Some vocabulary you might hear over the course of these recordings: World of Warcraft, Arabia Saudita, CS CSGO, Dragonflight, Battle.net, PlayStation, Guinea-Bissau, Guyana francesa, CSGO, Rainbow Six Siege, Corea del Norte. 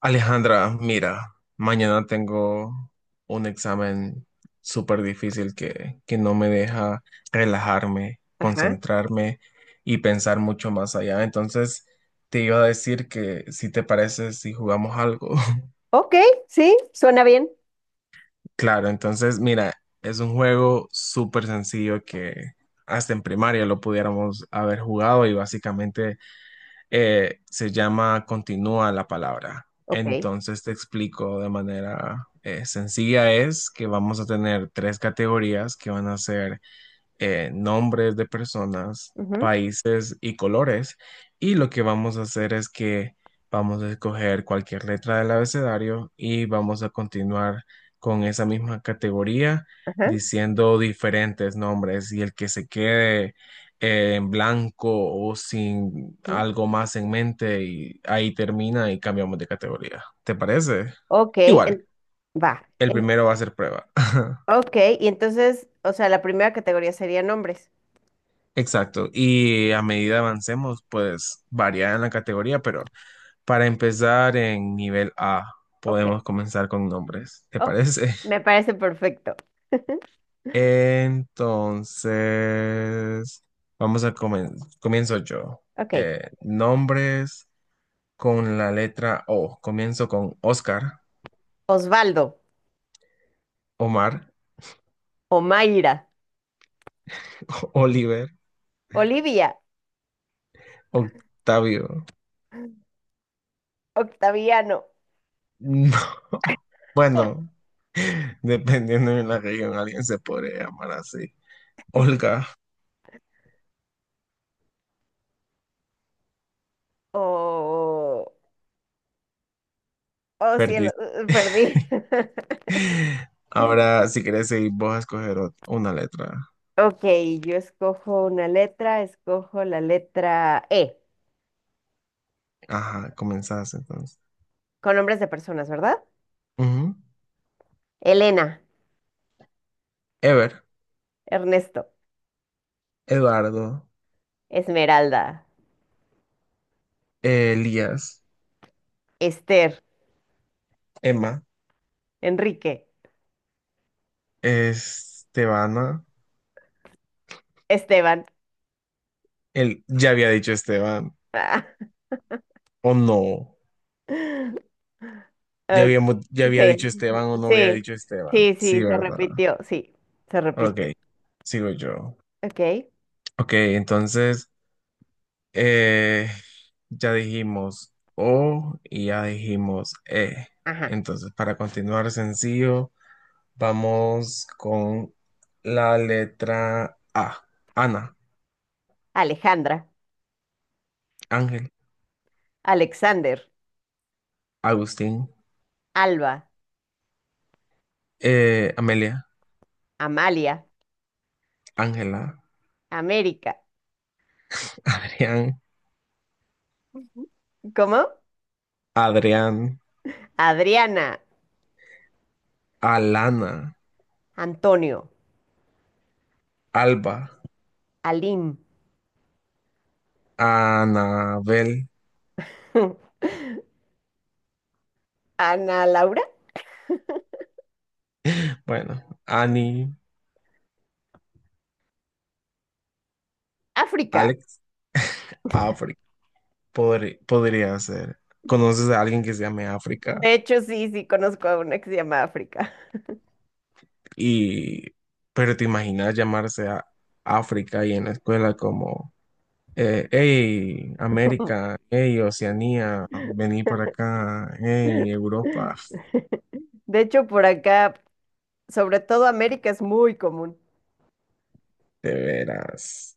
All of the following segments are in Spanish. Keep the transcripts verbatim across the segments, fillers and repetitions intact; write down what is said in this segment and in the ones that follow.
Alejandra, mira, mañana tengo un examen súper difícil que, que no me deja relajarme, Ajá. concentrarme y pensar mucho más allá. Entonces, te iba a decir que si te parece, si jugamos algo. Ok, sí, suena bien. Claro, entonces, mira, es un juego súper sencillo que hasta en primaria lo pudiéramos haber jugado y básicamente eh, se llama continúa la palabra. Ok. Entonces te explico de manera eh, sencilla es que vamos a tener tres categorías que van a ser eh, nombres de personas, Ujú. países y colores. Y lo que vamos a hacer es que vamos a escoger cualquier letra del abecedario y vamos a continuar con esa misma categoría Ajá. diciendo diferentes nombres y el que se quede eh, en blanco o sin Ujú. algo más en mente y ahí termina y cambiamos de categoría. ¿Te parece? Ok, Igual, en- va. el En- primero va a ser prueba. ok, y entonces, o sea, la primera categoría sería nombres. Exacto, y a medida avancemos, pues varía en la categoría, pero para empezar en nivel A, Ok, podemos comenzar con nombres, ¿te oh, parece? me parece perfecto. Entonces, vamos a comenzar, comienzo yo. Ok, Eh, nombres con la letra O, comienzo con Oscar, Osvaldo, Omar, Omaira, Oliver, Olivia, Octavio. Octaviano. Bueno, dependiendo de la región, alguien se podría llamar así. Olga. Oh, oh cielo, Perdición. eh, perdí. Ahora, si querés seguir vos a escoger ot- una letra. Ok, yo escojo una letra, escojo la letra E, Ajá, comenzás entonces. con nombres de personas, ¿verdad? Ujú. Elena, Ever, Ernesto. Eduardo, Esmeralda, Elías, Esther, Emma, Enrique, Estebana. Esteban. El, ya había dicho Esteban, Ah. o no. Ya habíamos, ya Ok, había sí, dicho Esteban o no había sí, dicho Esteban. sí, Sí, sí, se ¿verdad? repitió, sí, se repitió. Ok, sigo yo. Ok, Ok, entonces, eh, ya dijimos O y ya dijimos E. ajá. Entonces, para continuar sencillo. Vamos con la letra A. Ana, Alejandra, Ángel, Alexander, Agustín, Alba, eh, Amelia, Amalia, Ángela, América. Adrián, ¿Cómo? Adrián, Adriana, Alana, Antonio, Alba, Aline. Anabel, Ana Laura, bueno, Ani, África. Alex, África. Podri- podría ser. ¿Conoces a alguien que se llame África? De hecho, sí, sí, conozco a una que se llama África. Y, pero te imaginas llamarse a África y en la escuela como Eh, hey, América, hey, Oceanía, vení por acá, hey, Europa, De hecho, por acá sobre todo América es muy común. de veras.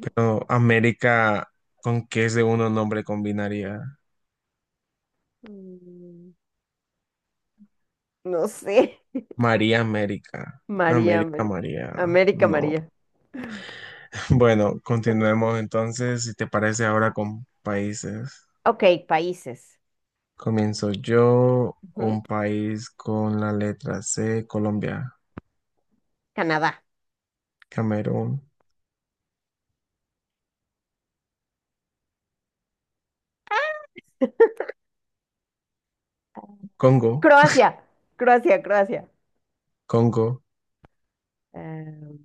Pero América, ¿con qué segundo nombre combinaría? Mm, no sé. María América, María, América Ameri- María, América, no. María. Bueno, continuemos entonces, si te parece ahora con países. Ok, países. Comienzo yo, Ujú. un país con la letra C, Colombia, Canadá. Camerún, Congo, Croacia. Croacia, Croacia. Congo, Em,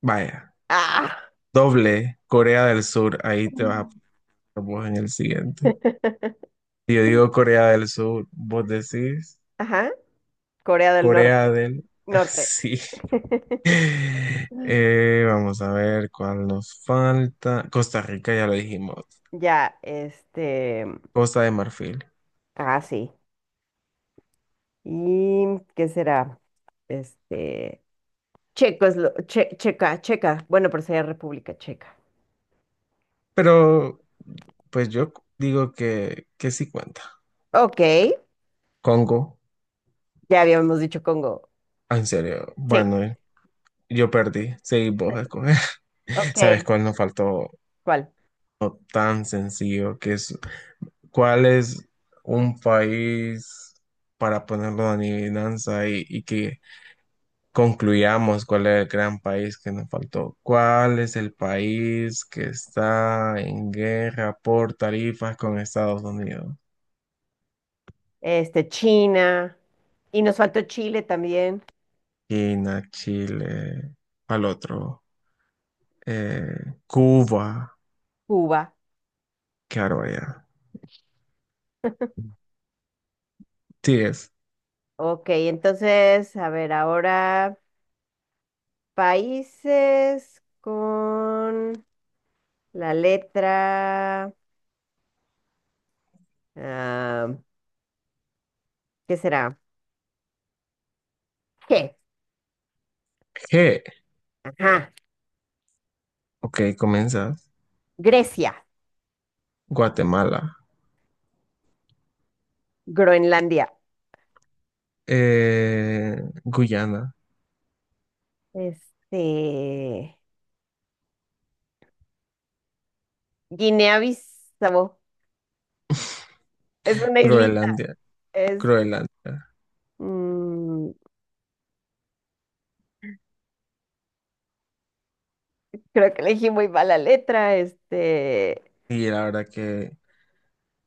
vaya. ah. Doble, Corea del Sur, ahí te vas a poner vos en el siguiente. Si yo digo Corea del Sur, vos decís Ajá. Corea del Corea Norte. del... Norte. Sí. Eh, vamos a ver cuál nos falta. Costa Rica, ya lo dijimos. Ya, este. Costa de Marfil. Ah, sí. ¿Y qué será? Este. Checo es lo- che- checa, checa. Bueno, pero sería República Checa. Pero, pues yo digo que, que sí cuenta. Ok. Congo, Ya habíamos dicho Congo. ah, en serio. Sí. Bueno, eh, yo perdí. Sí, vos a escoger. Ok. ¿Sabes cuál nos faltó? ¿Cuál? No tan sencillo, que es ¿cuál es un país para ponerlo en adivinanza y, y que concluyamos cuál es el gran país que nos faltó? ¿Cuál es el país que está en guerra por tarifas con Estados Unidos? Este, China. Y nos faltó Chile también. China, Chile, al otro, eh, Cuba, Cuba. claro, ya. Sí, es Ok, entonces, a ver, ahora países con la letra... ah, ¿qué será? G. G. Ajá. Ok, comienzas. Grecia. Guatemala, Groenlandia. eh, Guyana, Este... Guinea-Bissau. Es una islita. Groenlandia, Es... Groenlandia. mm, creo que elegí muy mala letra. Este... Y la verdad que,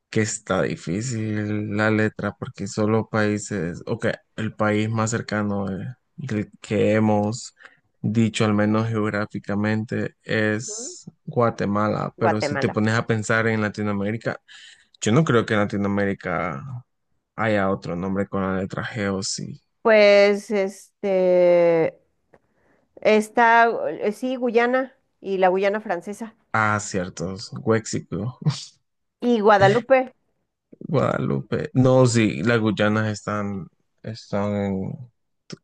que está difícil la letra porque solo países, ok, el país más cercano de- del que hemos dicho, al menos geográficamente, es Guatemala, pero si te Guatemala. pones a pensar en Latinoamérica, yo no creo que en Latinoamérica haya otro nombre con la letra G o sí. Pues este está eh, sí, Guyana y la Guyana francesa. Ah, ciertos, Huexico, Y Guadalupe. Guadalupe. No, sí, las Guyanas están, están, en...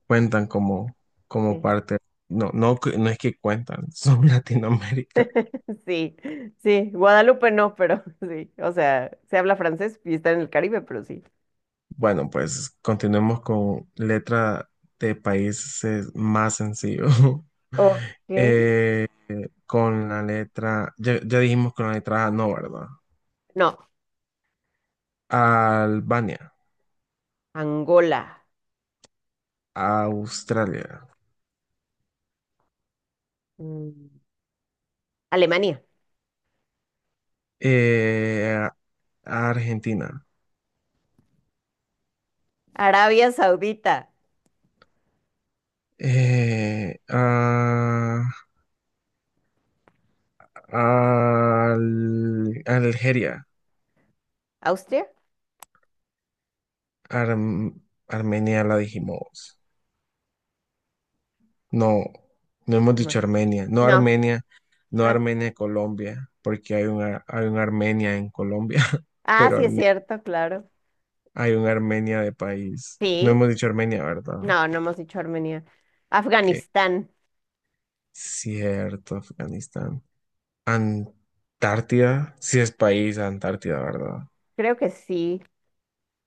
cuentan como, como Sí. parte, no, no, que- no es que cuentan, son Latinoamérica. Sí, sí, Guadalupe no, pero sí. O sea, se habla francés y está en el Caribe, pero sí. Bueno, pues continuemos con letra de países más sencillo. Ok. Eh, con la letra, ya, ya dijimos con la letra A, no, ¿verdad? No, Albania, Angola. Australia, Mm, Alemania. eh, Argentina, Arabia Saudita. eh, a- al- Algeria, ¿Austria? Arm- Armenia la dijimos. No, no hemos No. dicho Armenia. No No. Armenia, no Ah, Armenia, Colombia, porque hay una, hay un Armenia en Colombia, ah, pero sí es Arme- cierto, claro. hay un Armenia de país. No Sí. hemos dicho Armenia, ¿verdad? No, no hemos dicho Armenia. Que Afganistán. cierto, Afganistán. Antártida, sí es país, Antártida, ¿verdad? Creo que sí.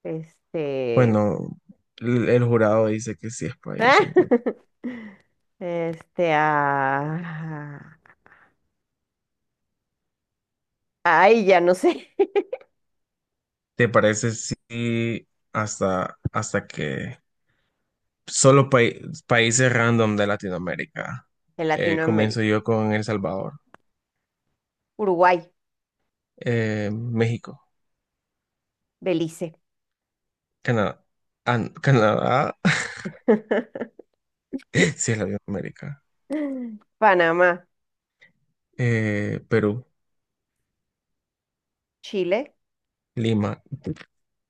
Este. Bueno, el, el jurado dice que sí es país, entonces. Este. Ah, ay, ya no sé. ¿Te parece si hasta, hasta que solo pai- países random de Latinoamérica? En Eh, comienzo Latinoamérica. yo con El Salvador, Uruguay, eh, México, Belice. Canadá. Ah, no, Canadá, sí es Latinoamérica. Panamá, Eh, Perú, Chile. Lima.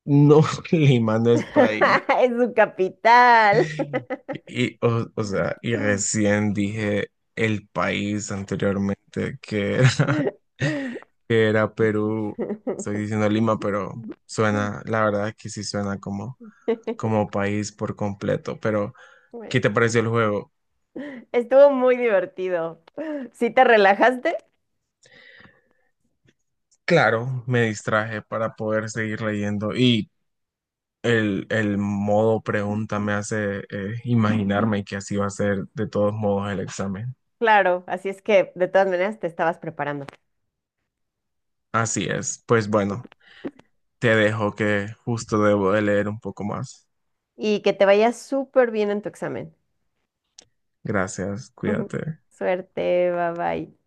No, Lima no es país. Es su capital. Y, o, o sea, y recién dije el país anteriormente que era, que era Perú. Estoy diciendo Lima, pero suena, la verdad que sí suena como, como país por completo, pero. ¿Qué Bueno, te pareció el juego? estuvo muy divertido. ¿Sí te relajaste? Claro, me distraje para poder seguir leyendo y el, el modo pregunta me hace eh, imaginarme que así va a ser de todos modos el examen. Claro, así es que de todas maneras te estabas preparando. Así es. Pues bueno, te dejo que justo debo de leer un poco más. Y que te vaya súper bien en tu examen. Gracias, cuídate. Suerte, bye bye.